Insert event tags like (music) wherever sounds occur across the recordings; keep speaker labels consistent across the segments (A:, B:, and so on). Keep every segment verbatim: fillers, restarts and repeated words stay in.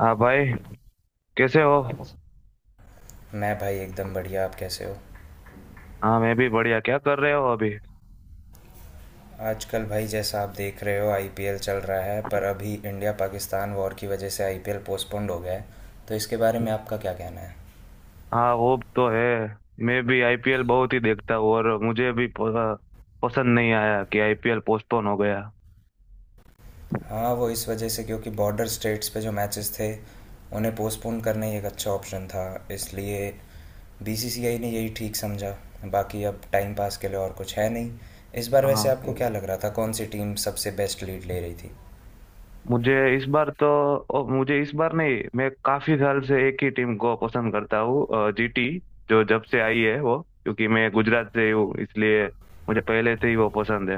A: हाँ भाई, कैसे हो।
B: मैं भाई एकदम बढ़िया। आप कैसे हो?
A: हाँ मैं भी बढ़िया, क्या कर रहे हो अभी।
B: आजकल भाई जैसा आप देख रहे हो आईपीएल चल रहा है, पर अभी इंडिया पाकिस्तान वॉर की वजह से आईपीएल पोस्टपोन्ड हो गया है। तो इसके बारे में आपका क्या कहना है?
A: हाँ वो तो है। मैं भी आईपीएल बहुत ही देखता हूँ और मुझे भी प- पसंद नहीं आया कि आईपीएल पोस्टपोन हो गया।
B: हाँ, वो इस वजह से क्योंकि बॉर्डर स्टेट्स पे जो मैचेस थे उन्हें पोस्टपोन करना ही एक अच्छा ऑप्शन था, इसलिए बीसीसीआई ने यही ठीक समझा। बाकी अब टाइम पास के लिए और कुछ है नहीं। इस बार वैसे
A: हाँ
B: आपको क्या लग रहा था कौन सी टीम सबसे बेस्ट लीड ले रही थी?
A: मुझे इस बार तो ओ, मुझे इस बार नहीं, मैं काफी साल से एक ही टीम को पसंद करता हूँ। जीटी, जो जब से आई है वो। क्योंकि मैं गुजरात से ही हूँ, इसलिए मुझे पहले से ही वो पसंद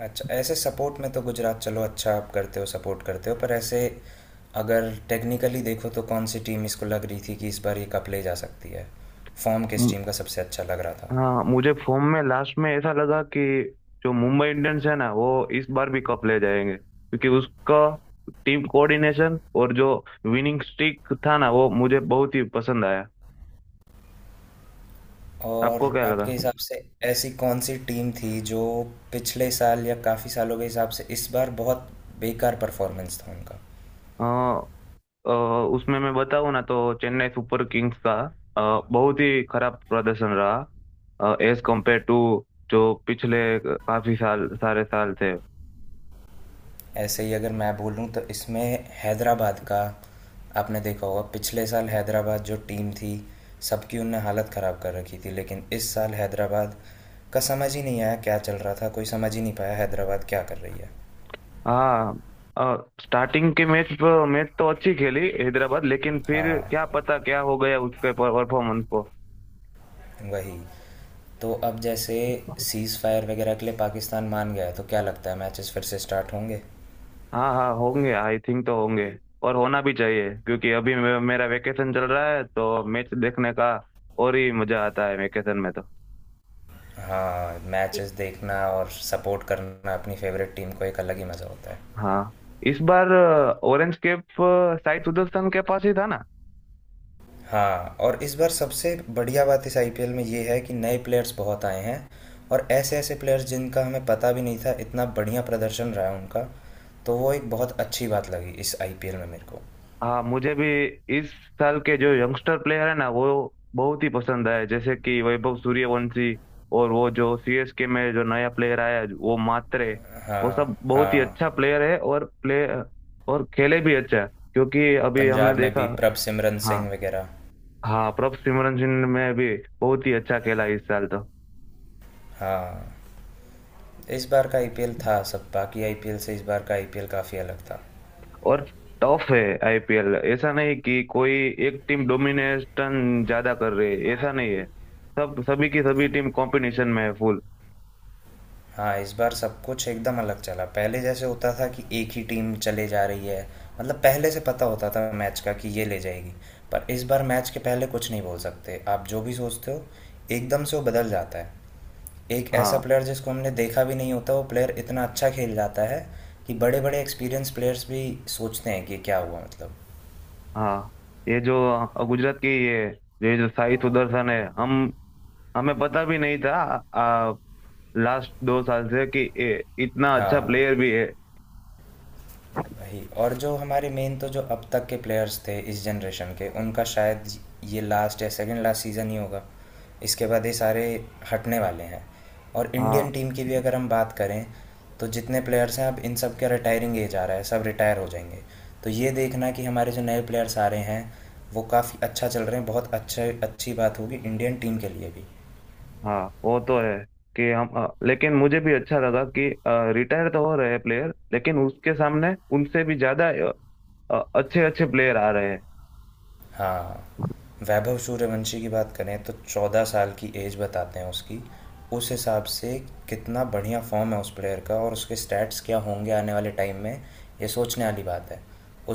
B: अच्छा, ऐसे सपोर्ट में तो गुजरात, चलो अच्छा आप करते हो सपोर्ट करते हो, पर ऐसे अगर टेक्निकली देखो तो कौन सी टीम इसको लग रही थी कि इस बार ये कप ले जा सकती है? फॉर्म किस
A: है।
B: टीम का सबसे अच्छा लग रहा था?
A: हाँ मुझे फॉर्म में लास्ट में ऐसा लगा कि जो मुंबई इंडियंस है ना वो इस बार भी कप ले जाएंगे, क्योंकि उसका टीम कोऑर्डिनेशन और जो विनिंग स्ट्रीक था ना वो मुझे बहुत ही पसंद आया।
B: और
A: आपको क्या
B: आपके
A: लगा।
B: हिसाब से ऐसी कौन सी टीम थी जो पिछले साल या काफ़ी सालों के हिसाब से इस बार बहुत बेकार परफॉर्मेंस था उनका?
A: अ, अ, उसमें मैं बताऊँ ना तो चेन्नई सुपर किंग्स का अ, बहुत ही खराब प्रदर्शन रहा, एज कम्पेयर टू जो पिछले काफी साल सारे साल थे।
B: ऐसे ही अगर मैं बोलूँ तो इसमें हैदराबाद का, आपने देखा होगा पिछले साल हैदराबाद जो टीम थी सबकी उनने हालत ख़राब कर रखी थी, लेकिन इस साल हैदराबाद का समझ ही नहीं आया क्या चल रहा था, कोई समझ ही नहीं पाया हैदराबाद क्या कर रही है।
A: हाँ स्टार्टिंग के मैच मैच तो अच्छी खेली हैदराबाद, लेकिन फिर
B: हाँ,
A: क्या पता क्या हो गया उसके परफॉर्मेंस को।
B: वही। तो अब जैसे सीज़ फायर वगैरह के लिए पाकिस्तान मान गया है, तो क्या लगता है मैचेस फिर से स्टार्ट होंगे?
A: हाँ, हाँ होंगे, आई थिंक तो होंगे। और होना भी चाहिए क्योंकि अभी मे- मेरा वेकेशन चल रहा है, तो मैच देखने का और ही मजा आता है वेकेशन में तो।
B: हाँ, मैचेस देखना और सपोर्ट करना अपनी फेवरेट टीम को एक अलग ही मज़ा होता है।
A: हाँ इस बार ऑरेंज कैप साई सुदर्शन के पास ही था ना।
B: हाँ, और इस बार सबसे बढ़िया बात इस आईपीएल में ये है कि नए प्लेयर्स बहुत आए हैं, और ऐसे ऐसे प्लेयर्स जिनका हमें पता भी नहीं था इतना बढ़िया प्रदर्शन रहा है उनका। तो वो एक बहुत अच्छी बात लगी इस आईपीएल में मेरे को।
A: हाँ मुझे भी इस साल के जो यंगस्टर प्लेयर है ना वो बहुत ही पसंद आए, जैसे कि वैभव सूर्यवंशी। और वो जो सीएसके में जो नया प्लेयर आया वो मात्रे। वो
B: हाँ।
A: सब बहुत ही
B: हाँ,
A: अच्छा प्लेयर है और प्ले और खेले भी अच्छा, क्योंकि अभी हमने
B: पंजाब में
A: देखा।
B: भी प्रभ सिमरन सिंह
A: हाँ,
B: वगैरह।
A: हाँ प्रभ सिमरन सिंह में भी बहुत ही अच्छा खेला इस साल तो।
B: हाँ, इस बार का आईपीएल था, सब बाकी आईपीएल से इस बार का आईपीएल काफ़ी अलग था।
A: और टफ है आईपीएल, ऐसा नहीं कि कोई एक टीम डोमिनेशन ज्यादा कर रही है, ऐसा नहीं है। सब सभी की सभी टीम कॉम्पिटिशन में है फुल।
B: हाँ, इस बार सब कुछ एकदम अलग चला। पहले जैसे होता था कि एक ही टीम चले जा रही है, मतलब पहले से पता होता था मैच का कि ये ले जाएगी। पर इस बार मैच के पहले कुछ नहीं बोल सकते। आप जो भी सोचते हो, एकदम से वो बदल जाता है। एक ऐसा
A: हाँ,
B: प्लेयर जिसको हमने देखा भी नहीं होता, वो प्लेयर इतना अच्छा खेल जाता है कि बड़े-बड़े एक्सपीरियंस प्लेयर्स भी सोचते हैं कि क्या हुआ मतलब।
A: हाँ ये जो अ, गुजरात की ये ये जो साई सुदर्शन है, हम हमें पता भी नहीं था, आ, लास्ट दो साल से, कि ये इतना अच्छा
B: हाँ।
A: प्लेयर भी है।
B: वही, और जो हमारे मेन तो जो अब तक के प्लेयर्स थे इस जनरेशन के उनका शायद ये लास्ट या सेकंड लास्ट सीज़न ही होगा। इसके बाद ये सारे हटने वाले हैं। और इंडियन
A: हाँ,
B: टीम की भी अगर हम बात करें तो जितने प्लेयर्स हैं अब इन सब का रिटायरिंग एज आ रहा है, सब रिटायर हो जाएंगे। तो ये देखना कि हमारे जो नए प्लेयर्स आ रहे हैं वो काफ़ी अच्छा चल रहे हैं बहुत अच्छे, अच्छी बात होगी इंडियन टीम के लिए भी।
A: हाँ वो तो है कि हम, आ, लेकिन मुझे भी अच्छा लगा कि रिटायर तो हो रहे हैं प्लेयर, लेकिन उसके सामने उनसे भी ज्यादा अच्छे अच्छे प्लेयर आ रहे हैं।
B: हाँ, वैभव सूर्यवंशी की बात करें तो चौदह साल की एज बताते हैं उसकी। उस हिसाब से कितना बढ़िया फ़ॉर्म है उस प्लेयर का और उसके स्टैट्स क्या होंगे आने वाले टाइम में, ये सोचने वाली बात है।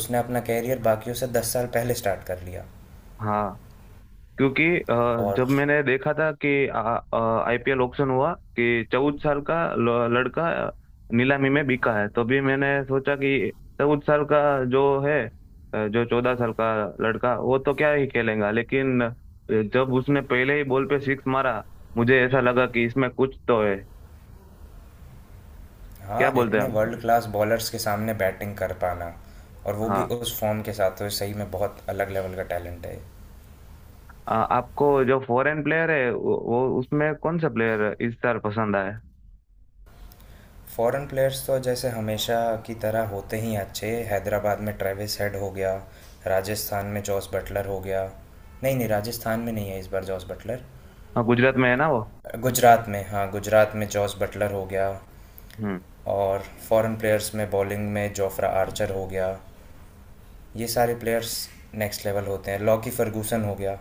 B: उसने अपना करियर बाकियों से दस साल पहले स्टार्ट कर लिया।
A: हाँ, क्योंकि अ,
B: और
A: जब मैंने देखा था कि आईपीएल ऑक्शन हुआ, कि चौदह साल का ल- लड़का नीलामी में बिका है, तो भी मैंने सोचा कि चौदह साल का जो है, अ, जो चौदह साल का लड़का वो तो क्या ही खेलेगा, लेकिन अ, जब उसने पहले ही बॉल पे सिक्स मारा, मुझे ऐसा लगा कि इसमें कुछ तो है। क्या
B: हाँ,
A: बोलते हैं
B: इतने वर्ल्ड
A: आप।
B: क्लास बॉलर्स के सामने बैटिंग कर पाना और वो भी
A: हाँ,
B: उस फ़ॉर्म के साथ तो सही में बहुत अलग लेवल का टैलेंट है।
A: अ, आपको जो फॉरेन प्लेयर है वो, वो उसमें कौन सा प्लेयर इस बार पसंद आया।
B: फॉरेन प्लेयर्स तो जैसे हमेशा की तरह होते ही हैं अच्छे। हैदराबाद में ट्रेविस हेड हो गया, राजस्थान में जॉस बटलर हो गया। नहीं नहीं, राजस्थान में नहीं है इस बार जॉस बटलर,
A: हाँ गुजरात में है ना वो।
B: गुजरात में, हाँ गुजरात में जॉस बटलर हो गया।
A: हम्म।
B: और फॉरेन प्लेयर्स में बॉलिंग में जोफ्रा आर्चर हो गया। ये सारे प्लेयर्स नेक्स्ट लेवल होते हैं। लॉकी फर्गूसन हो गया,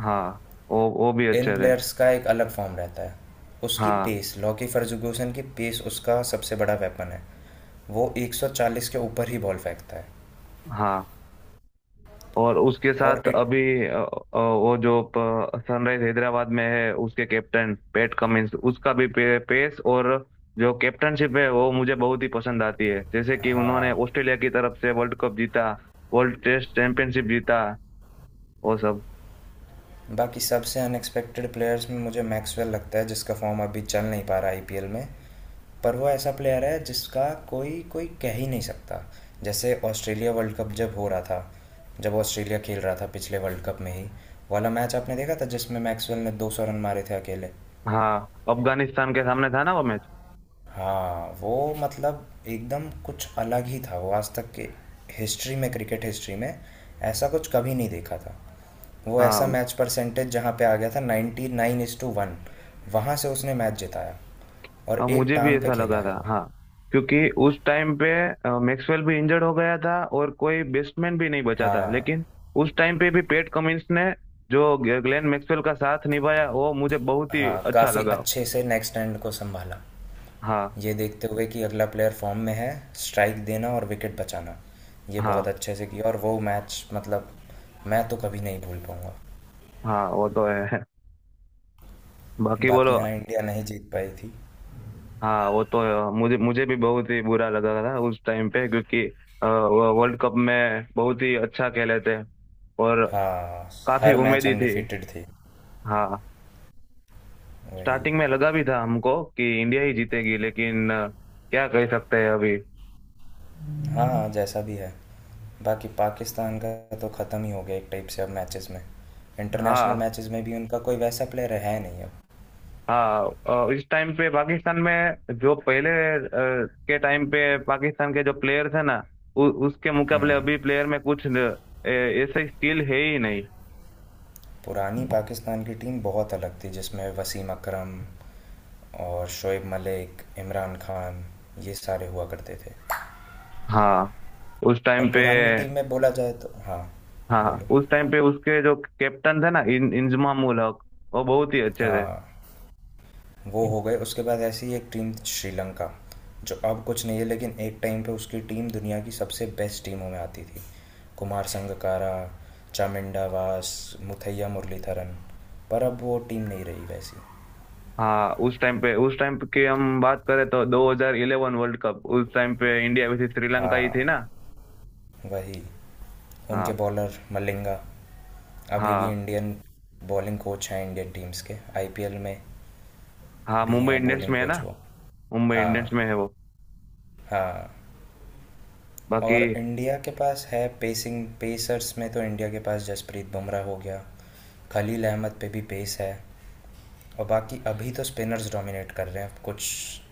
A: हाँ वो वो भी
B: इन
A: अच्छे थे।
B: प्लेयर्स का एक अलग फॉर्म रहता है। उसकी
A: हाँ,
B: पेस, लॉकी फर्गूसन की पेस उसका सबसे बड़ा वेपन है। वो एक सौ चालीस के ऊपर ही बॉल फेंकता है।
A: हाँ, और उसके
B: और
A: साथ
B: इट
A: अभी अ, अ, वो जो सनराइज हैदराबाद में है, उसके कैप्टन पैट कमिंस, उसका भी पे, पेस और जो कैप्टनशिप है वो मुझे बहुत ही पसंद आती है, जैसे कि उन्होंने
B: हाँ,
A: ऑस्ट्रेलिया की तरफ से वर्ल्ड कप जीता, वर्ल्ड टेस्ट चैंपियनशिप जीता, वो सब।
B: बाकी सबसे अनएक्सपेक्टेड प्लेयर्स में मुझे मैक्सवेल लगता है, जिसका फॉर्म अभी चल नहीं पा रहा आईपीएल में, पर वो ऐसा प्लेयर है जिसका कोई कोई कह ही नहीं सकता। जैसे ऑस्ट्रेलिया वर्ल्ड कप जब हो रहा था, जब ऑस्ट्रेलिया खेल रहा था पिछले वर्ल्ड कप में ही वाला मैच आपने देखा था जिसमें मैक्सवेल ने दो सौ रन मारे थे अकेले।
A: हाँ अफगानिस्तान के सामने था ना वो मैच।
B: हाँ, वो मतलब एकदम कुछ अलग ही था, वो आज तक के हिस्ट्री में, क्रिकेट हिस्ट्री में ऐसा कुछ कभी नहीं देखा था। वो ऐसा
A: हाँ,
B: मैच परसेंटेज जहाँ पे आ गया था ninety nine is to one, वहाँ से उसने मैच जिताया, और
A: हाँ
B: एक
A: मुझे भी
B: टांग पे
A: ऐसा
B: खेला
A: लगा था।
B: है वो।
A: हाँ क्योंकि उस टाइम पे मैक्सवेल भी इंजर्ड हो गया था और कोई बेस्टमैन भी नहीं बचा था,
B: हाँ,
A: लेकिन उस टाइम पे भी पेट कमिंस ने जो ग्लेन मैक्सवेल का साथ निभाया वो मुझे बहुत ही
B: हाँ,
A: अच्छा
B: काफ़ी
A: लगा।
B: अच्छे से नेक्स्ट एंड को संभाला,
A: हाँ,
B: ये देखते हुए कि अगला प्लेयर फॉर्म में है। स्ट्राइक देना और विकेट बचाना, ये बहुत
A: हाँ,
B: अच्छे से किया, और वो मैच मतलब मैं तो कभी नहीं भूल पाऊँगा।
A: हाँ वो तो है। (laughs) बाकी
B: बाकी
A: बोलो।
B: हाँ, इंडिया नहीं जीत पाई थी।
A: हाँ वो तो है। मुझे मुझे भी बहुत ही बुरा लगा था उस टाइम पे, क्योंकि अ, वो वर्ल्ड कप में बहुत ही अच्छा खेले थे, और
B: हाँ,
A: काफी
B: हर मैच
A: उम्मीदी थी।
B: अनडिफिटेड थी।
A: हाँ
B: वही।
A: स्टार्टिंग में लगा भी था हमको कि इंडिया ही जीतेगी, लेकिन अ, क्या कह सकते हैं अभी।
B: हाँ, जैसा भी है। बाकी पाकिस्तान का तो ख़त्म ही हो गया एक टाइप से अब मैचेस में, इंटरनेशनल
A: हाँ,
B: मैचेस में भी उनका कोई वैसा प्लेयर है नहीं अब।
A: हाँ अ, इस टाइम पे पाकिस्तान में जो पहले अ, के टाइम पे पाकिस्तान के जो प्लेयर थे ना, उ, उसके मुकाबले अभी
B: हम्म,
A: प्लेयर में कुछ न- ए- ऐसे स्किल है ही नहीं।
B: पुरानी पाकिस्तान की टीम बहुत अलग थी जिसमें वसीम अकरम और शोएब मलिक, इमरान खान, ये सारे हुआ करते थे।
A: हाँ उस
B: और
A: टाइम पे,
B: पुरानी टीम में बोला जाए तो हाँ,
A: हाँ
B: बोलो।
A: उस टाइम पे उसके जो कैप्टन थे ना, इन इंजमामुल हक, वो बहुत ही अच्छे थे।
B: हाँ, वो हो गए, उसके बाद ऐसी ही एक टीम श्रीलंका, जो अब कुछ नहीं है लेकिन एक टाइम पे उसकी टीम दुनिया की सबसे बेस्ट टीमों में आती थी। कुमार संगकारा, चामिंडा वास, मुथैया मुरलीधरन, पर अब वो टीम नहीं रही वैसी।
A: हाँ उस टाइम पे, उस टाइम पे की हम बात करें तो दो हज़ार ग्यारह वर्ल्ड कप, उस टाइम पे इंडिया वैसे श्रीलंका ही थी
B: हाँ,
A: ना।
B: वही।
A: हाँ,
B: उनके बॉलर मलिंगा अभी भी
A: हाँ,
B: इंडियन बॉलिंग कोच हैं, इंडियन टीम्स के। आईपीएल में
A: हाँ
B: भी
A: मुंबई
B: हैं
A: इंडियंस
B: बॉलिंग
A: में है ना।
B: कोच वो।
A: मुंबई
B: हाँ,
A: इंडियंस में है वो।
B: हाँ।
A: बाकी,
B: और इंडिया के पास है पेसिंग, पेसर्स में तो इंडिया के पास जसप्रीत बुमराह हो गया, खलील अहमद पे भी पेस है। और बाकी अभी तो स्पिनर्स डोमिनेट कर रहे हैं कुछ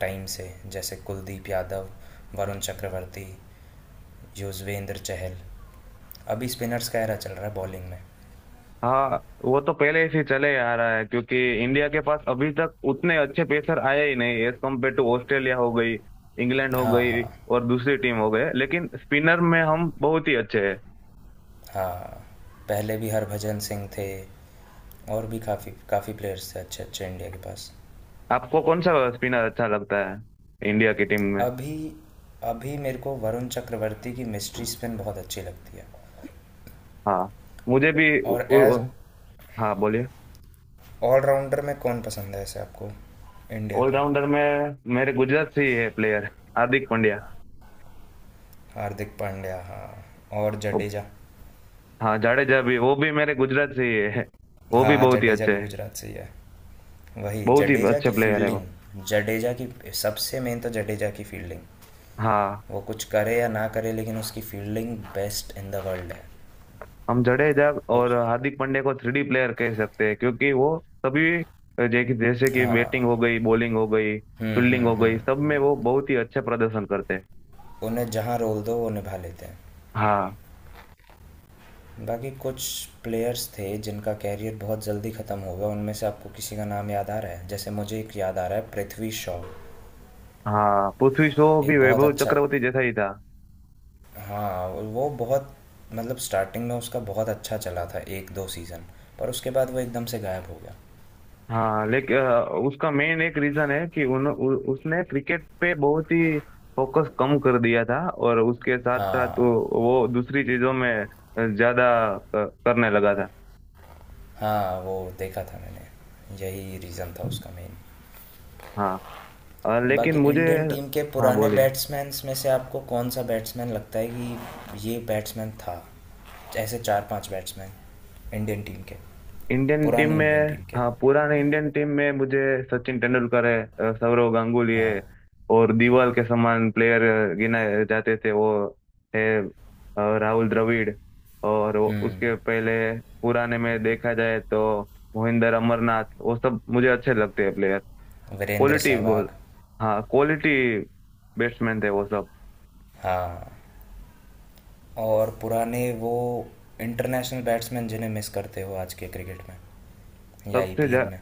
B: टाइम से, जैसे कुलदीप यादव, वरुण चक्रवर्ती, युजवेंद्र चहल। अभी स्पिनर्स का एरा चल रहा है बॉलिंग में।
A: हाँ वो तो पहले से चले आ रहा है, क्योंकि इंडिया के पास अभी तक उतने अच्छे पेसर आए ही नहीं, एज कम्पेयर टू ऑस्ट्रेलिया हो गई, इंग्लैंड हो
B: हाँ,
A: गई
B: हाँ।
A: और दूसरी टीम हो गए, लेकिन स्पिनर में हम बहुत ही अच्छे हैं।
B: हाँ, पहले भी हरभजन सिंह थे, और भी काफ़ी काफ़ी प्लेयर्स थे अच्छे अच्छे इंडिया के पास।
A: आपको कौन सा स्पिनर अच्छा लगता है इंडिया की टीम में।
B: अभी, अभी मेरे को वरुण चक्रवर्ती की मिस्ट्री स्पिन बहुत अच्छी लगती है।
A: हाँ मुझे भी उ,
B: और एज
A: उ, हाँ बोलिए।
B: ऑलराउंडर में कौन पसंद है ऐसे आपको, इंडिया का?
A: ऑलराउंडर में मेरे गुजरात से ही है प्लेयर, हार्दिक पांड्या।
B: हार्दिक पांड्या, हाँ। और
A: वो-
B: जडेजा।
A: हाँ जाडेजा भी, वो भी मेरे गुजरात से ही है, वो भी
B: हाँ,
A: बहुत ही
B: जडेजा
A: अच्छे
B: भी
A: है,
B: गुजरात से ही है। वही,
A: बहुत ही
B: जडेजा
A: अच्छे
B: की
A: प्लेयर है वो।
B: फील्डिंग, जडेजा की, सबसे मेन तो जडेजा की फील्डिंग।
A: हाँ,
B: वो कुछ करे या ना करे लेकिन उसकी fielding best in the world है।
A: हम जडेजा और
B: उस-
A: हार्दिक पांड्या को थ्री डी प्लेयर कह सकते हैं क्योंकि वो सभी जै- जैसे कि बैटिंग
B: हाँ,
A: हो गई, बॉलिंग हो गई,
B: हम्म
A: फील्डिंग
B: हम्म
A: हो गई, सब में
B: हम्म,
A: वो बहुत ही अच्छा प्रदर्शन करते हैं।
B: उन्हें जहाँ रोल दो वो निभा लेते हैं।
A: हाँ,
B: बाकी कुछ प्लेयर्स थे जिनका कैरियर बहुत जल्दी ख़त्म हो गया, उनमें से आपको किसी का नाम याद आ रहा है? जैसे मुझे एक याद आ रहा है, पृथ्वी शॉ,
A: हाँ पृथ्वी शॉ भी
B: एक बहुत
A: वैभव
B: अच्छा।
A: चक्रवर्ती जैसा ही था।
B: हाँ, वो बहुत, मतलब स्टार्टिंग में उसका बहुत अच्छा चला था एक दो सीज़न, पर उसके बाद वो एकदम से गायब हो गया।
A: हाँ लेकिन उसका मेन एक रीजन है कि उन, उ, उसने क्रिकेट पे बहुत ही फोकस कम कर दिया था, और उसके साथ साथ वो,
B: हाँ,
A: वो दूसरी चीजों में ज्यादा क- करने लगा था।
B: हाँ, वो देखा था मैंने, यही रीज़न था उसका मेन।
A: हाँ, अ, लेकिन
B: बाकी
A: मुझे,
B: इंडियन टीम के
A: हाँ
B: पुराने
A: बोलिए।
B: बैट्समैन में से आपको कौन सा बैट्समैन लगता है कि ये बैट्समैन था? ऐसे चार पांच बैट्समैन इंडियन टीम के,
A: इंडियन टीम
B: पुरानी
A: में,
B: इंडियन टीम के।
A: हाँ पुराने इंडियन टीम में मुझे सचिन तेंदुलकर है, अ, सौरव गांगुली
B: हाँ,
A: है, और दीवाल के समान प्लेयर गिनाए जाते थे वो। है अ, राहुल द्रविड़। और वो-
B: हम्म।
A: उसके पहले पुराने में देखा जाए तो मोहिंदर अमरनाथ, वो सब मुझे अच्छे लगते हैं player.
B: Virender
A: quality ball,
B: Sehwag.
A: हाँ क्वालिटी बैट्समैन थे वो सब।
B: हाँ, और पुराने वो इंटरनेशनल बैट्समैन जिन्हें मिस करते हो आज के क्रिकेट में या
A: सबसे जा,
B: ईपीएल में?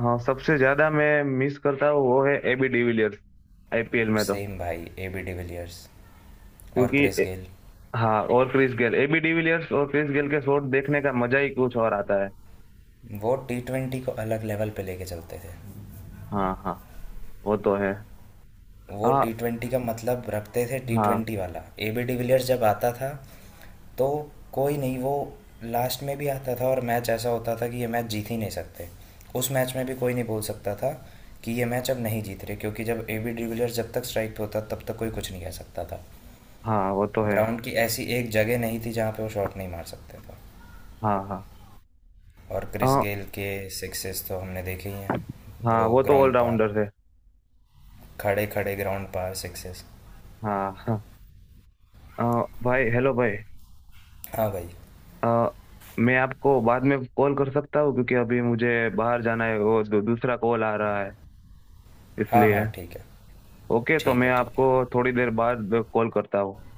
A: हाँ सबसे ज्यादा मैं मिस करता हूँ वो है एबी डिविलियर्स, आईपीएल में तो,
B: सेम भाई, ए बी डिविलियर्स, और क्रिस
A: क्योंकि।
B: गेल।
A: हाँ और क्रिस गेल, एबी डिविलियर्स और क्रिस गेल के शॉट देखने का मजा ही कुछ और आता है।
B: वो टी ट्वेंटी को अलग लेवल पे लेके चलते थे।
A: हाँ, हाँ वो तो है।
B: वो
A: हाँ,
B: टी ट्वेंटी का मतलब रखते थे, टी
A: हाँ,
B: ट्वेंटी वाला ए बी डिविलियर्स जब आता था, तो कोई नहीं। वो लास्ट में भी आता था और मैच ऐसा होता था कि ये मैच जीत ही नहीं सकते, उस मैच में भी कोई नहीं बोल सकता था कि ये मैच अब नहीं जीत रहे, क्योंकि जब ए बी डिविलियर्स जब तक स्ट्राइक पे होता तब तक कोई कुछ नहीं कह सकता था।
A: हाँ वो तो है।
B: ग्राउंड की ऐसी एक जगह नहीं थी जहाँ पे वो शॉट नहीं मार सकते थे।
A: हाँ, हाँ,
B: और क्रिस
A: हाँ,
B: गेल के सिक्सेस तो हमने देखे ही हैं,
A: हाँ
B: वो
A: वो तो
B: ग्राउंड पार,
A: ऑलराउंडर है।
B: खड़े खड़े ग्राउंड पार सिक्सेस।
A: हाँ, हाँ अ, भाई, हेलो भाई।
B: हाँ भाई,
A: अ, मैं आपको बाद में कॉल कर सकता हूँ, क्योंकि अभी मुझे बाहर जाना है, वो दू, दूसरा कॉल आ रहा है,
B: हाँ
A: इसलिए।
B: हाँ, ठीक है,
A: ओके, तो
B: ठीक
A: मैं
B: है, ठीक
A: आपको
B: है।
A: थोड़ी देर बाद कॉल करता हूँ।